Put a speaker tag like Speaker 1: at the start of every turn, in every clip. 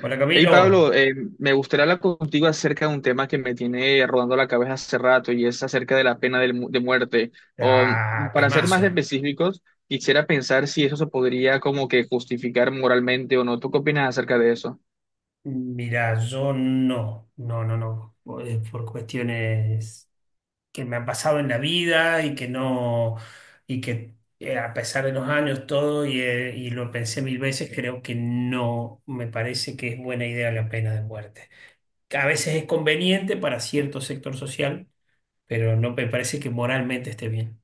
Speaker 1: Hola,
Speaker 2: Hey Pablo,
Speaker 1: Camilo.
Speaker 2: me gustaría hablar contigo acerca de un tema que me tiene rodando la cabeza hace rato y es acerca de la pena de muerte.
Speaker 1: Ah,
Speaker 2: Para ser más
Speaker 1: temazo.
Speaker 2: específicos, quisiera pensar si eso se podría como que justificar moralmente o no. ¿Tú qué opinas acerca de eso?
Speaker 1: Mira, yo no, no, no, no, por cuestiones que me han pasado en la vida y que no, y que a pesar de los años todo y lo pensé mil veces. Creo que no me parece que es buena idea la pena de muerte. Que a veces es conveniente para cierto sector social, pero no me parece que moralmente esté bien.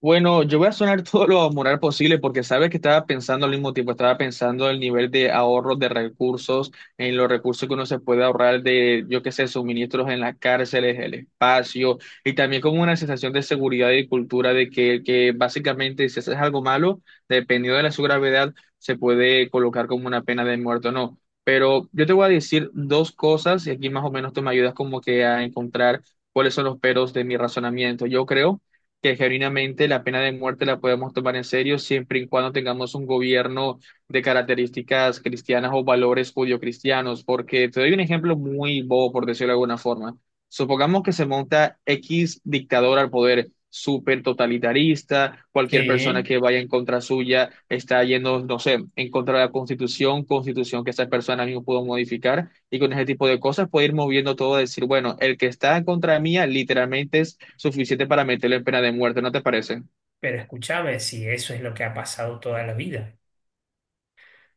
Speaker 2: Bueno, yo voy a sonar todo lo moral posible porque sabes que estaba pensando al mismo tiempo, estaba pensando el nivel de ahorro de recursos, en los recursos que uno se puede ahorrar de, yo qué sé, suministros en las cárceles, el espacio, y también como una sensación de seguridad y cultura de que básicamente si haces algo malo, dependiendo de la su gravedad, se puede colocar como una pena de muerte o no. Pero yo te voy a decir dos cosas y aquí más o menos tú me ayudas como que a encontrar cuáles son los peros de mi razonamiento. Yo creo que genuinamente la pena de muerte la podemos tomar en serio siempre y cuando tengamos un gobierno de características cristianas o valores judio-cristianos, porque te doy un ejemplo muy bobo, por decirlo de alguna forma. Supongamos que se monta X dictador al poder, súper totalitarista, cualquier persona
Speaker 1: Sí.
Speaker 2: que vaya en contra suya está yendo, no sé, en contra de la constitución, constitución que esa persona mismo pudo modificar, y con ese tipo de cosas puede ir moviendo todo, a decir, bueno, el que está en contra mía literalmente es suficiente para meterle en pena de muerte, ¿no te parece?
Speaker 1: Pero escúchame, si eso es lo que ha pasado toda la vida.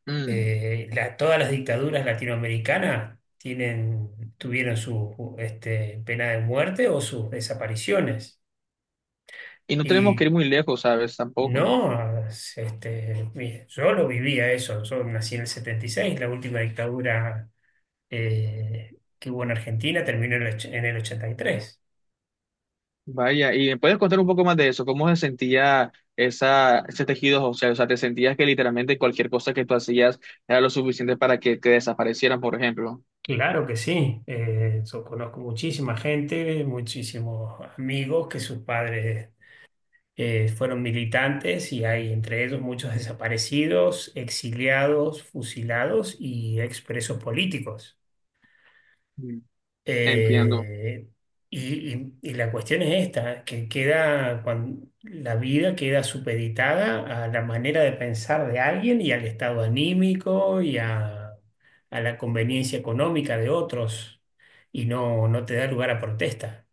Speaker 2: Mm.
Speaker 1: Todas las dictaduras latinoamericanas tuvieron su pena de muerte o sus desapariciones.
Speaker 2: Y no tenemos que ir
Speaker 1: Y
Speaker 2: muy lejos, ¿sabes? Tampoco.
Speaker 1: no, yo lo vivía eso. Yo nací en el 76. La última dictadura que hubo en Argentina terminó en el 83.
Speaker 2: Vaya, y me puedes contar un poco más de eso, cómo se sentía esa, ese tejido óseo, o sea, te sentías que literalmente cualquier cosa que tú hacías era lo suficiente para que te desaparecieran, por ejemplo.
Speaker 1: Claro que sí. Yo conozco muchísima gente, muchísimos amigos que sus padres fueron militantes, y hay entre ellos muchos desaparecidos, exiliados, fusilados y expresos políticos.
Speaker 2: Mm. Entiendo.
Speaker 1: Eh, y la cuestión es esta, que queda la vida queda supeditada a la manera de pensar de alguien y al estado anímico y a la conveniencia económica de otros. Y no, no te da lugar a protesta.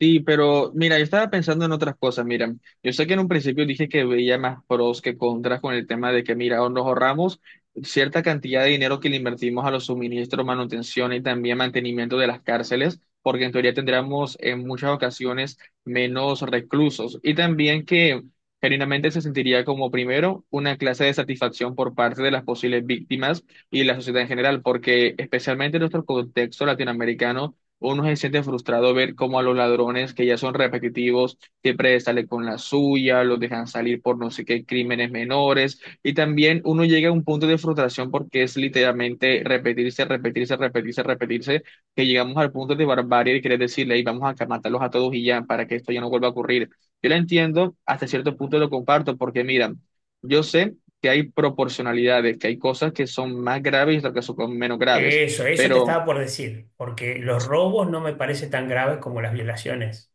Speaker 2: Sí, pero mira, yo estaba pensando en otras cosas. Mira, yo sé que en un principio dije que veía más pros que contras con el tema de que, mira, nos ahorramos cierta cantidad de dinero que le invertimos a los suministros, manutención y también mantenimiento de las cárceles, porque en teoría tendríamos en muchas ocasiones menos reclusos. Y también que genuinamente se sentiría como, primero, una clase de satisfacción por parte de las posibles víctimas y la sociedad en general, porque especialmente en nuestro contexto latinoamericano. Uno se siente frustrado ver cómo a los ladrones que ya son repetitivos siempre sale con la suya, los dejan salir por no sé qué crímenes menores. Y también uno llega a un punto de frustración porque es literalmente repetirse, repetirse, repetirse, repetirse, que llegamos al punto de barbarie y querer decirle, "Ey, vamos a matarlos a todos y ya, para que esto ya no vuelva a ocurrir. Yo lo entiendo, hasta cierto punto lo comparto, porque mira, yo sé que hay proporcionalidades, que hay cosas que son más graves y otras que son menos graves.
Speaker 1: Eso te
Speaker 2: Pero
Speaker 1: estaba por decir, porque los robos no me parece tan graves como las violaciones.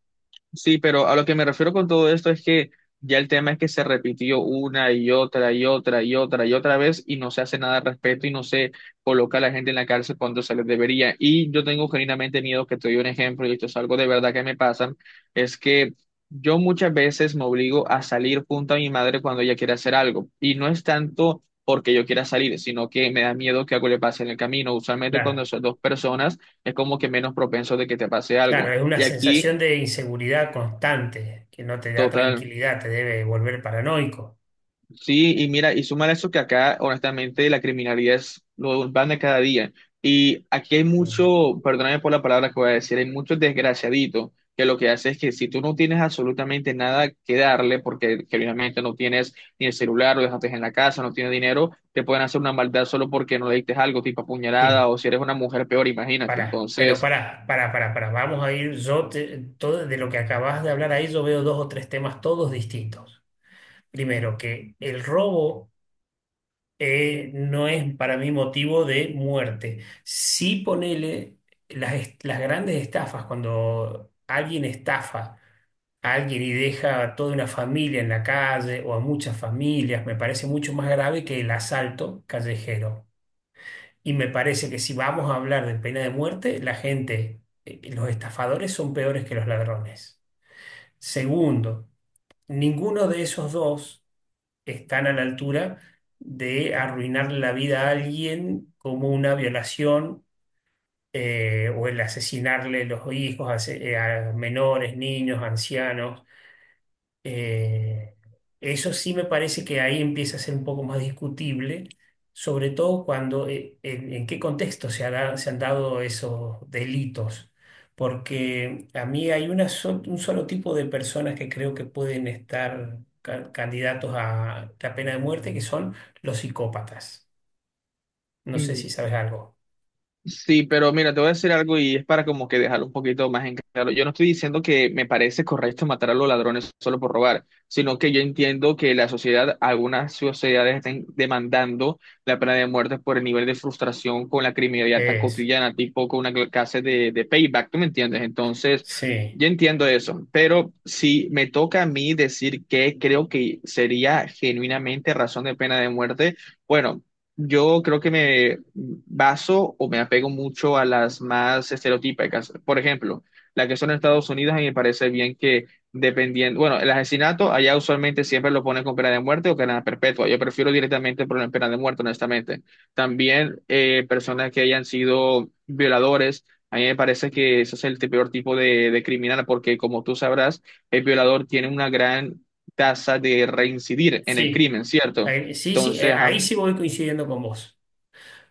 Speaker 2: sí, pero a lo que me refiero con todo esto es que ya el tema es que se repitió una y otra y otra y otra y otra vez y no se hace nada al respecto y no se coloca a la gente en la cárcel cuando se les debería. Y yo tengo genuinamente miedo, que te doy un ejemplo, y esto es algo de verdad que me pasa, es que yo muchas veces me obligo a salir junto a mi madre cuando ella quiere hacer algo. Y no es tanto porque yo quiera salir, sino que me da miedo que algo le pase en el camino. Usualmente
Speaker 1: Claro,
Speaker 2: cuando son dos personas es como que menos propenso de que te pase
Speaker 1: claro,
Speaker 2: algo.
Speaker 1: es una
Speaker 2: Y aquí...
Speaker 1: sensación de inseguridad constante que no te da
Speaker 2: Total.
Speaker 1: tranquilidad, te debe volver paranoico.
Speaker 2: Sí, y mira, y suma eso que acá, honestamente, la criminalidad es lo van de cada día. Y aquí hay
Speaker 1: Mm.
Speaker 2: mucho, perdóname por la palabra que voy a decir, hay muchos desgraciaditos que lo que hace es que si tú no tienes absolutamente nada que darle, porque generalmente no tienes ni el celular, lo dejaste en la casa, no tienes dinero, te pueden hacer una maldad solo porque no le diste algo, tipo apuñalada,
Speaker 1: Sí,
Speaker 2: o si eres una mujer peor, imagínate.
Speaker 1: pará, pero
Speaker 2: Entonces.
Speaker 1: pará, pará, pará, pará. Vamos a ir. Todo de lo que acabas de hablar ahí, yo veo dos o tres temas todos distintos. Primero, que el robo no es para mí motivo de muerte. Sí, ponele las grandes estafas. Cuando alguien estafa a alguien y deja a toda una familia en la calle o a muchas familias, me parece mucho más grave que el asalto callejero. Y me parece que si vamos a hablar de pena de muerte, la gente, los estafadores son peores que los ladrones. Segundo, ninguno de esos dos están a la altura de arruinarle la vida a alguien como una violación, o el asesinarle los hijos, a menores, niños, ancianos. Eh, Eso sí me parece que ahí empieza a ser un poco más discutible, sobre todo cuando, en qué contexto se han dado esos delitos. Porque a mí hay un solo tipo de personas que creo que pueden estar candidatos a la pena de muerte, que son los psicópatas. No sé si sabes algo.
Speaker 2: Sí, pero mira, te voy a decir algo y es para como que dejarlo un poquito más en claro. Yo no estoy diciendo que me parece correcto matar a los ladrones solo por robar, sino que yo entiendo que la sociedad, algunas sociedades están demandando la pena de muerte por el nivel de frustración con la criminalidad tan
Speaker 1: Eso.
Speaker 2: cotidiana, tipo con una clase de payback, ¿tú me entiendes? Entonces,
Speaker 1: Sí,
Speaker 2: yo entiendo eso, pero si me toca a mí decir que creo que sería genuinamente razón de pena de muerte. Bueno, yo creo que me baso o me apego mucho a las más estereotípicas. Por ejemplo, la que son en Estados Unidos, a mí me parece bien que dependiendo, bueno, el asesinato allá usualmente siempre lo ponen con pena de muerte o cadena perpetua. Yo prefiero directamente poner pena de muerte, honestamente. También personas que hayan sido violadores, a mí me parece que ese es el peor tipo de criminal porque como tú sabrás, el violador tiene una gran tasa de reincidir en el
Speaker 1: sí.
Speaker 2: crimen, ¿cierto?
Speaker 1: Sí, sí,
Speaker 2: Entonces, ajá,
Speaker 1: ahí sí voy coincidiendo con vos.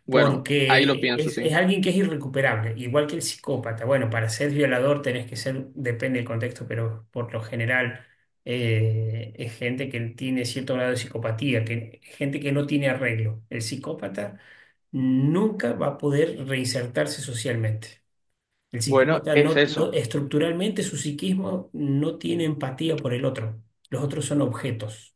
Speaker 2: bueno, ahí lo
Speaker 1: Porque
Speaker 2: pienso, sí.
Speaker 1: es alguien que es irrecuperable, igual que el psicópata. Bueno, para ser violador tenés que ser, depende del contexto, pero por lo general es gente que tiene cierto grado de psicopatía, que, gente que no tiene arreglo. El psicópata nunca va a poder reinsertarse socialmente. El
Speaker 2: Bueno,
Speaker 1: psicópata
Speaker 2: es
Speaker 1: no,
Speaker 2: eso,
Speaker 1: estructuralmente su psiquismo no tiene empatía por el otro. Los otros son objetos.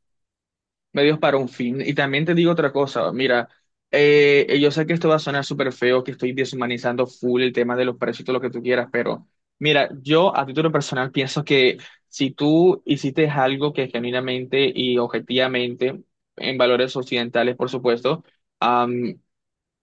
Speaker 2: medios para un fin. Y también te digo otra cosa, mira, yo sé que esto va a sonar súper feo, que estoy deshumanizando full el tema de los precios y todo lo que tú quieras, pero mira, yo a título personal pienso que si tú hiciste algo que genuinamente y objetivamente, en valores occidentales, por supuesto,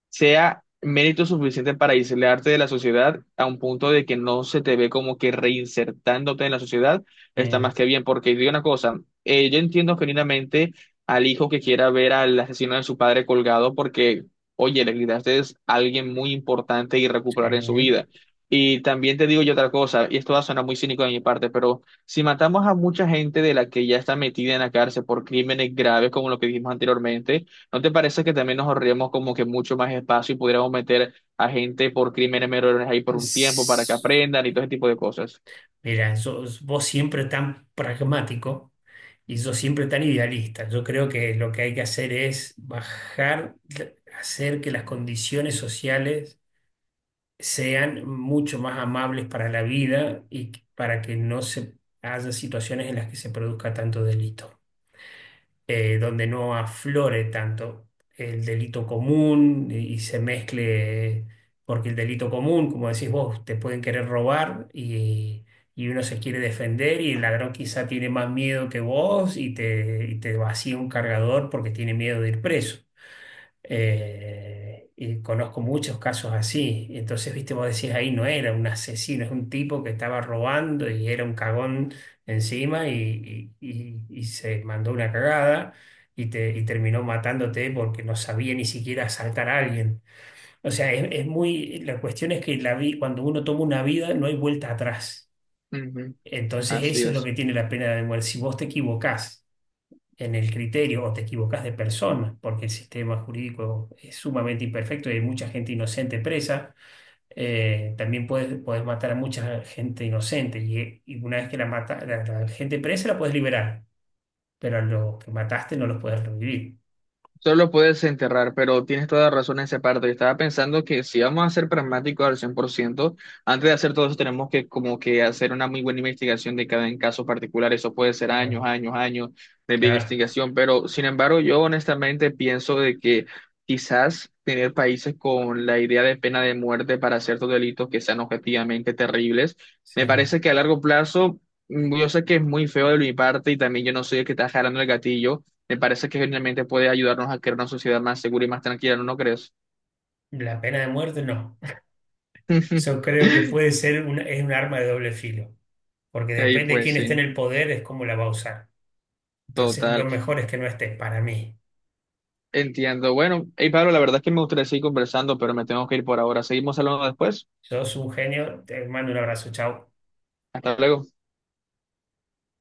Speaker 2: sea mérito suficiente para aislarte de la sociedad a un punto de que no se te ve como que reinsertándote en la sociedad, está más
Speaker 1: Sí.
Speaker 2: que bien, porque digo una cosa, yo entiendo genuinamente al hijo que quiera ver al asesino de su padre colgado porque, oye, le quitaste es alguien muy importante y recuperar en su vida. Y también te digo yo otra cosa, y esto va a sonar muy cínico de mi parte, pero si matamos a mucha gente de la que ya está metida en la cárcel por crímenes graves como lo que dijimos anteriormente, ¿no te parece que también nos ahorraríamos como que mucho más espacio y pudiéramos meter a gente por crímenes menores ahí por un tiempo para que
Speaker 1: Sí.
Speaker 2: aprendan y todo ese tipo de cosas?
Speaker 1: Mira, vos siempre tan pragmático y yo siempre tan idealista. Yo creo que lo que hay que hacer es bajar, hacer que las condiciones sociales sean mucho más amables para la vida y para que no se haya situaciones en las que se produzca tanto delito, donde no aflore tanto el delito común, y se mezcle. Porque el delito común, como decís vos, te pueden querer robar, y uno se quiere defender y el ladrón quizá tiene más miedo que vos y te vacía un cargador porque tiene miedo de ir preso. Y conozco muchos casos así. Entonces, viste, vos decís, ahí no era un asesino, es un tipo que estaba robando y era un cagón encima, y se mandó una cagada y terminó matándote porque no sabía ni siquiera asaltar a alguien. O sea, la cuestión es que cuando uno toma una vida no hay vuelta atrás.
Speaker 2: Ujú.
Speaker 1: Entonces,
Speaker 2: Así
Speaker 1: eso es lo
Speaker 2: es.
Speaker 1: que tiene la pena de muerte. Si vos te equivocás en el criterio o te equivocas de persona, porque el sistema jurídico es sumamente imperfecto y hay mucha gente inocente presa, también puedes matar a mucha gente inocente, y una vez que la gente presa la puedes liberar, pero a los que mataste no los puedes revivir.
Speaker 2: Solo puedes enterrar, pero tienes toda la razón en esa parte. Estaba pensando que si vamos a ser pragmáticos al 100%, antes de hacer todo eso tenemos que como que hacer una muy buena investigación de cada en caso particular. Eso puede ser años,
Speaker 1: Ah,
Speaker 2: años, años de
Speaker 1: claro,
Speaker 2: investigación, pero sin embargo yo honestamente pienso de que quizás tener países con la idea de pena de muerte para ciertos delitos que sean objetivamente terribles,
Speaker 1: sí.
Speaker 2: me parece que a largo plazo, mm, yo sé que es muy feo de mi parte y también yo no soy el que está jalando el gatillo, me parece que genialmente puede ayudarnos a crear una sociedad más segura y más tranquila, ¿no, no crees?
Speaker 1: La pena de muerte, no. Yo creo que puede ser un, es un arma de doble filo, porque
Speaker 2: Y
Speaker 1: depende de
Speaker 2: pues
Speaker 1: quién esté en
Speaker 2: sí,
Speaker 1: el poder es cómo la va a usar. Entonces, lo
Speaker 2: total.
Speaker 1: mejor es que no estés, para mí.
Speaker 2: Entiendo. Bueno, hey Pablo, la verdad es que me gustaría seguir conversando, pero me tengo que ir por ahora. Seguimos hablando después.
Speaker 1: Yo soy un genio. Te mando un abrazo, chao.
Speaker 2: Hasta luego.